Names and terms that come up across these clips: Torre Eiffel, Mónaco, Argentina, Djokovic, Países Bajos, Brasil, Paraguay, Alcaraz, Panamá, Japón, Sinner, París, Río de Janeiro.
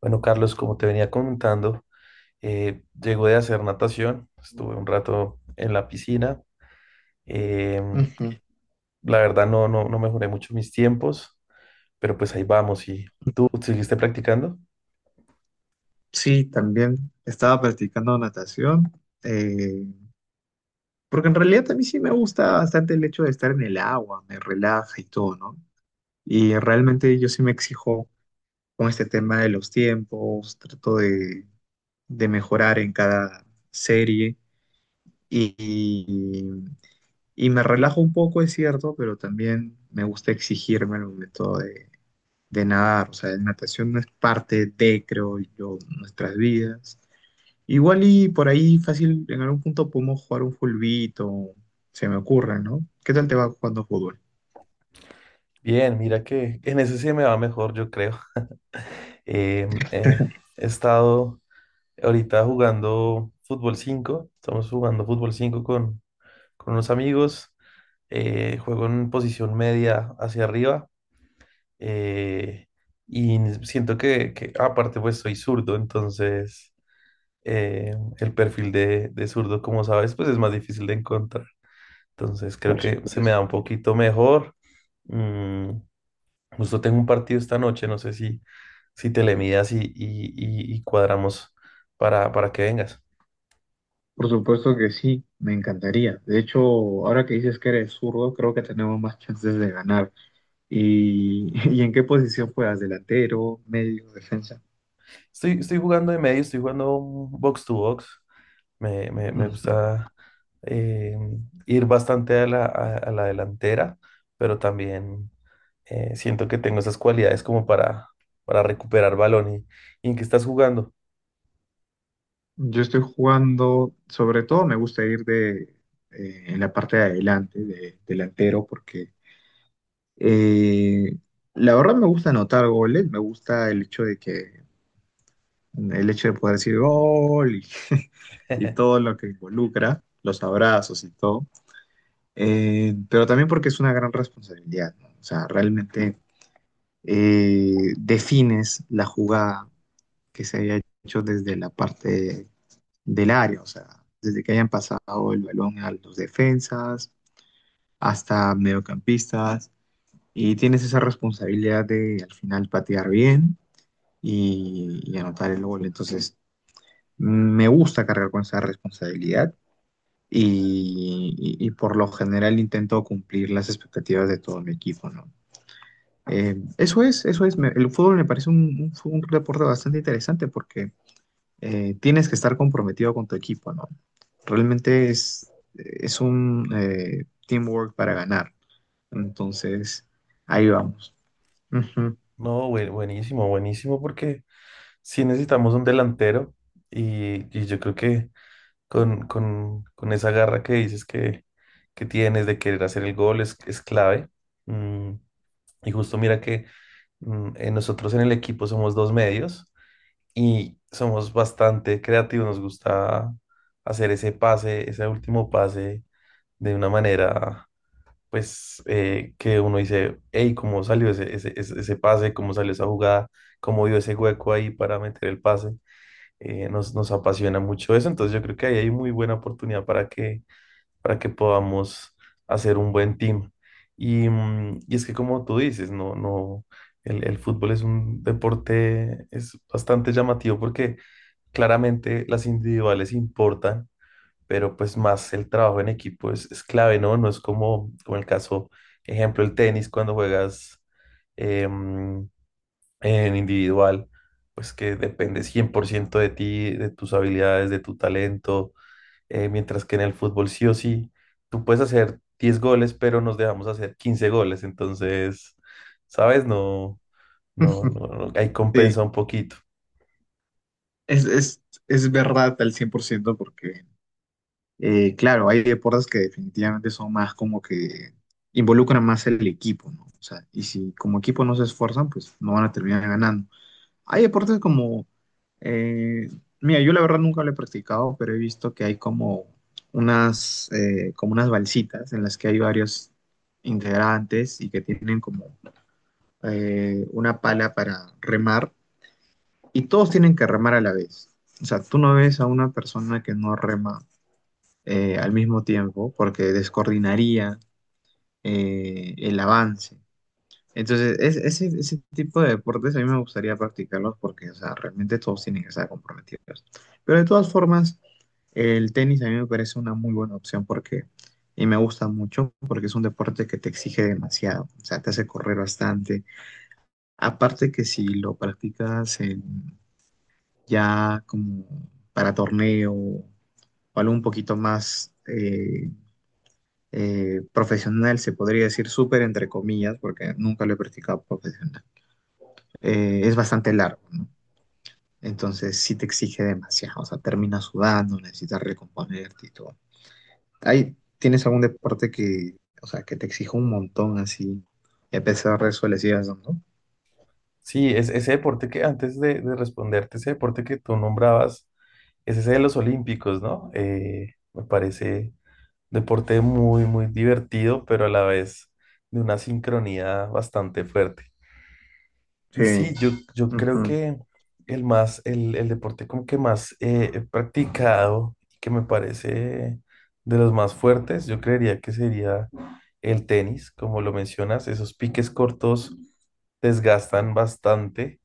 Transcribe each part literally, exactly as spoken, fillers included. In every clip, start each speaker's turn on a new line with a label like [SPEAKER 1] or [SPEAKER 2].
[SPEAKER 1] Bueno, Carlos, como te venía comentando, eh, llego de hacer natación, estuve un rato en la piscina. em,
[SPEAKER 2] Ujú.
[SPEAKER 1] la verdad no, no, no mejoré mucho mis tiempos, pero pues ahí vamos. ¿Y tú seguiste practicando?
[SPEAKER 2] Sí, también estaba practicando natación, eh, porque en realidad a mí sí me gusta bastante el hecho de estar en el agua, me relaja y todo, ¿no? Y realmente yo sí me exijo con este tema de los tiempos, trato de, de mejorar en cada serie y, y, y me relajo un poco, es cierto, pero también me gusta exigirme el momento de, de nadar, o sea, la natación no es parte de, creo yo, nuestras vidas. Igual y por ahí fácil, en algún punto podemos jugar un fulbito, se me ocurre, ¿no? ¿Qué tal te va jugando fútbol?
[SPEAKER 1] Bien, mira que en ese sí me va mejor, yo creo. Em, eh, He estado ahorita jugando fútbol cinco. Estamos jugando fútbol cinco con, con unos amigos. Eh, juego en posición media hacia arriba. eh, y siento que, que aparte pues soy zurdo. Entonces eh, el perfil de, de zurdo, como sabes, pues es más difícil de encontrar. Entonces creo
[SPEAKER 2] Por
[SPEAKER 1] que se me
[SPEAKER 2] supuesto.
[SPEAKER 1] da un poquito mejor. Mm, Justo tengo un partido esta noche, no sé si, si te le midas y, y, y- y cuadramos para, para que vengas.
[SPEAKER 2] Por supuesto que sí, me encantaría. De hecho, ahora que dices que eres zurdo, creo que tenemos más chances de ganar. ¿Y, ¿y en qué posición juegas? ¿Delantero, medio, defensa?
[SPEAKER 1] Estoy, estoy jugando de medio, estoy jugando un box to box. Me, me- me
[SPEAKER 2] Mm.
[SPEAKER 1] gusta eh, ir bastante a la, a- a la delantera, pero también eh, siento que tengo esas cualidades como para, para recuperar balón. ¿Y, y en qué estás jugando?
[SPEAKER 2] Yo estoy jugando, sobre todo me gusta ir de, eh, en la parte de adelante, de delantero, porque eh, la verdad me gusta anotar goles, me gusta el hecho de que El hecho de poder decir gol y, y todo lo que involucra, los abrazos y todo. Eh, pero también porque es una gran responsabilidad, ¿no? O sea, realmente eh, defines la jugada que se había hecho desde la parte del área, o sea, desde que hayan pasado el balón a los defensas hasta mediocampistas, y tienes esa responsabilidad de al final patear bien y, y anotar el gol. Entonces, me gusta cargar con esa responsabilidad y, y- y por lo general intento cumplir las expectativas de todo mi equipo, ¿no? Eh, eso es, eso es, me- el fútbol me parece un, un, fu- un deporte bastante interesante porque eh, tienes que estar comprometido con tu equipo, ¿no? Realmente es, es un eh, teamwork para ganar, entonces ahí vamos. Ujú.
[SPEAKER 1] No, bue- buenísimo, buenísimo, porque sí necesitamos un delantero y, y yo creo que con, con- con esa garra que dices que, que tienes de querer hacer el gol es, es clave. Mm, y justo mira que Mm, eh, nosotros en el equipo somos dos medios y somos bastante creativos. Nos gusta hacer ese pase, ese último pase de una manera, pues, eh, que uno dice, hey, ¿cómo salió ese, ese, ese, ese pase? ¿Cómo salió esa jugada? ¿Cómo vio ese hueco ahí para meter el pase? Eh, nos, nos apasiona mucho eso. Entonces yo creo que ahí hay muy buena oportunidad para que para que podamos hacer un buen team. Y, mm, y es que como tú dices, no, no, el, el fútbol es un deporte, es bastante llamativo porque claramente las individuales importan, pero pues más el trabajo en equipo es, es clave, ¿no? No es como, como el caso, ejemplo, el tenis cuando juegas em, en individual, pues que depende cien por ciento de ti, de tus habilidades, de tu talento. Eh, mientras que en el fútbol sí o sí, tú puedes hacer diez goles, pero nos dejamos hacer quince goles. Entonces, ¿sabes? No, no, no, no, ahí
[SPEAKER 2] Sí,
[SPEAKER 1] compensa un poquito.
[SPEAKER 2] es, es, es verdad al cien por ciento porque Eh, claro, hay deportes que definitivamente son más como que involucran más el equipo, ¿no? O sea, y si como equipo no se esfuerzan, pues no van a terminar ganando. Hay deportes como, eh, mira, yo la verdad nunca lo he practicado, pero he visto que hay como unas, eh, como unas balsitas en las que hay varios integrantes y que tienen como eh, una pala para remar y todos tienen que remar a la vez. O sea, tú no ves a una persona que no rema eh, al mismo tiempo porque descoordinaría eh, el avance. Entonces, es- ese, ese tipo de deportes a mí me gustaría practicarlos porque, o sea, realmente todos tienen que estar comprometidos. Pero de todas formas, el tenis a mí me parece una muy buena opción porque, y me gusta mucho porque es un deporte que te exige demasiado, o sea, te hace correr bastante. Aparte que si lo practicas en- ya como para torneo o algo un poquito más eh, eh, profesional, se podría decir súper entre comillas, porque nunca lo he practicado profesional. Eh, es bastante largo, ¿no? Entonces sí te exige demasiado, o sea, terminas sudando, necesitas recomponerte y todo. Ahí tienes algún deporte que, o sea, que te exija un montón así, y a pesar de eso le sigas dando.
[SPEAKER 1] Sí, es ese deporte que antes de, de responderte, ese deporte que tú nombrabas es ese de los olímpicos, ¿no? Eh, me parece deporte muy, muy divertido, pero a la vez de una sincronía bastante fuerte.
[SPEAKER 2] Sí,
[SPEAKER 1] Y sí, yo, yo creo
[SPEAKER 2] ujú,
[SPEAKER 1] que el más, el, el deporte como que más eh, he practicado y que me parece de los más fuertes, yo creería que sería el tenis. Como lo mencionas, esos piques cortos desgastan bastante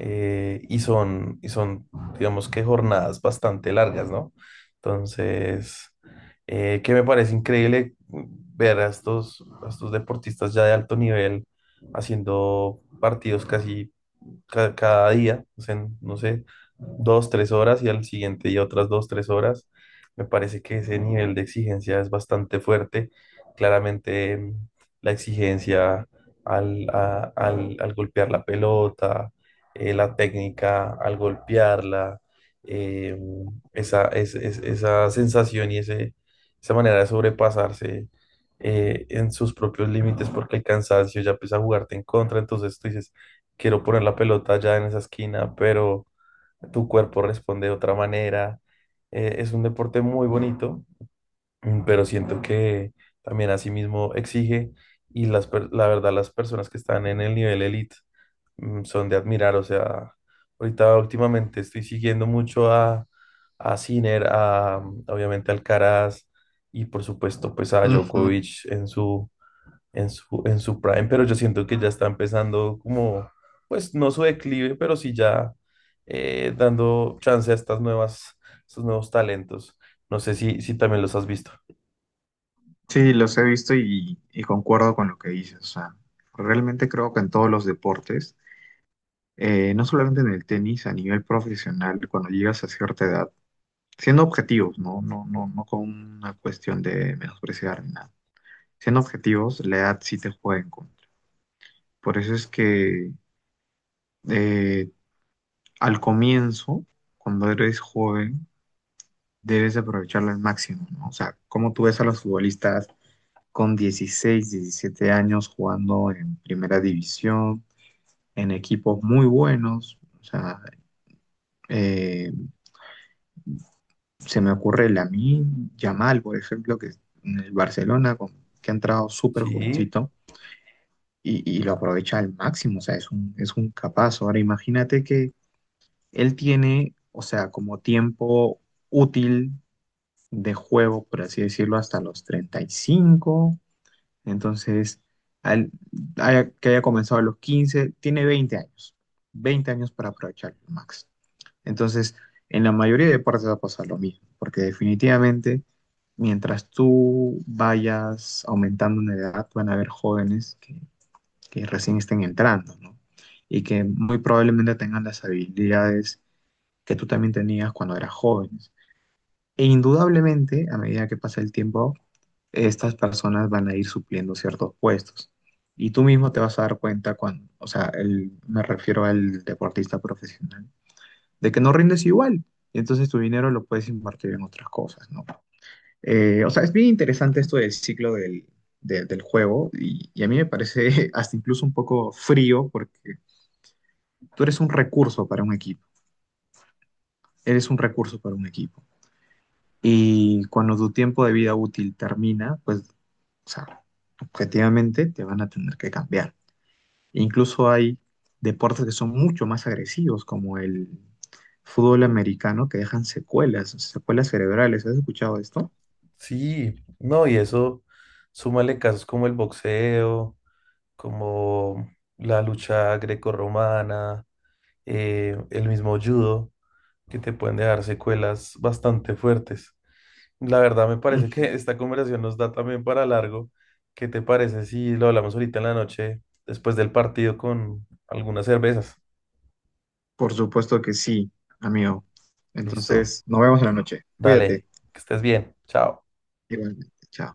[SPEAKER 1] eh, y son, y son, digamos, que jornadas bastante largas, ¿no? Entonces, eh, que me parece increíble ver a estos, a estos deportistas ya de alto nivel haciendo partidos casi ca- cada día, o sea, no sé, dos, tres horas y al siguiente día otras dos, tres horas. Me parece que ese nivel de exigencia es bastante fuerte. Claramente mm, la exigencia al, a- al- al golpear la pelota, eh, la técnica al golpearla, eh, esa, es- es- esa sensación y ese, esa manera de sobrepasarse eh, en sus propios límites porque el cansancio ya empieza a jugarte en contra. Entonces tú dices, quiero poner la pelota ya en esa esquina, pero tu cuerpo responde de otra manera. Eh, es un deporte muy bonito, mm, pero siento que también asimismo exige, y las, per- la verdad las personas que están en el nivel elite mm, son de admirar. O sea, ahorita últimamente estoy siguiendo mucho a, a Sinner, a mm, obviamente a Alcaraz y por supuesto pues a
[SPEAKER 2] ujú.
[SPEAKER 1] Djokovic en su en su, en su prime, pero yo siento que ya está empezando como, pues no su declive, pero sí ya eh, dando chance a estas nuevas, estos nuevos talentos. No sé si, si también los has visto.
[SPEAKER 2] Sí, los he visto y, y concuerdo con lo que dices. O sea, realmente creo que en todos los deportes eh, no solamente en el tenis, a nivel profesional, cuando llegas a cierta edad, siendo objetivos, ¿no? No, no, no con una cuestión de menospreciar ni nada. Siendo objetivos, la edad sí te juega en contra. Por eso es que eh, al comienzo, cuando eres joven, debes aprovecharla al máximo, ¿no? O sea, como tú ves a los futbolistas con dieciséis diecisiete años jugando en primera división, en equipos muy buenos, o sea, eh, se me ocurre el Lamine Yamal, por ejemplo, que en el Barcelona, con- que ha entrado súper
[SPEAKER 1] Sí,
[SPEAKER 2] jovencito y, y lo aprovecha al máximo, o sea, es un, es un capaz. Ahora imagínate que él tiene, o sea, como tiempo útil de juego, por así decirlo, hasta los treinta y cinco, entonces, al- haya- que haya comenzado a los quince tiene veinte años, veinte años para aprovecharlo, Max. Entonces, en la mayoría de partes va a pasar lo mismo, porque definitivamente, mientras tú vayas aumentando en edad, van a haber jóvenes que, que recién estén entrando, ¿no? Y que muy probablemente tengan las habilidades que tú también tenías cuando eras joven. E indudablemente, a medida que pasa el tiempo, estas personas van a ir supliendo ciertos puestos. Y tú mismo te vas a dar cuenta cuando, o sea, el- me refiero al deportista profesional de que no rindes igual. Y entonces tu dinero lo puedes invertir en otras cosas, ¿no? Eh, o sea, es bien interesante esto del ciclo del, de- del juego y, y a mí me parece hasta incluso un poco frío porque tú eres un recurso para un equipo, eres un recurso para un equipo. Y cuando tu tiempo de vida útil termina, pues, o sea, objetivamente te van a tener que cambiar. Incluso hay deportes que son mucho más agresivos, como el fútbol americano, que dejan secuelas, secuelas cerebrales. ¿Has escuchado esto?
[SPEAKER 1] sí, no, y eso, súmale casos como el boxeo, como la lucha grecorromana, eh, el mismo judo, que te pueden dejar secuelas bastante fuertes. La verdad me parece que
[SPEAKER 2] Ujú.
[SPEAKER 1] esta conversación nos da también para largo. ¿Qué te parece si lo hablamos ahorita en la noche, después del partido con algunas cervezas?
[SPEAKER 2] Por supuesto que sí, amigo.
[SPEAKER 1] Listo,
[SPEAKER 2] Entonces, nos vemos en la noche. Cuídate.
[SPEAKER 1] dale, que estés bien, chao.
[SPEAKER 2] Igualmente. Chao.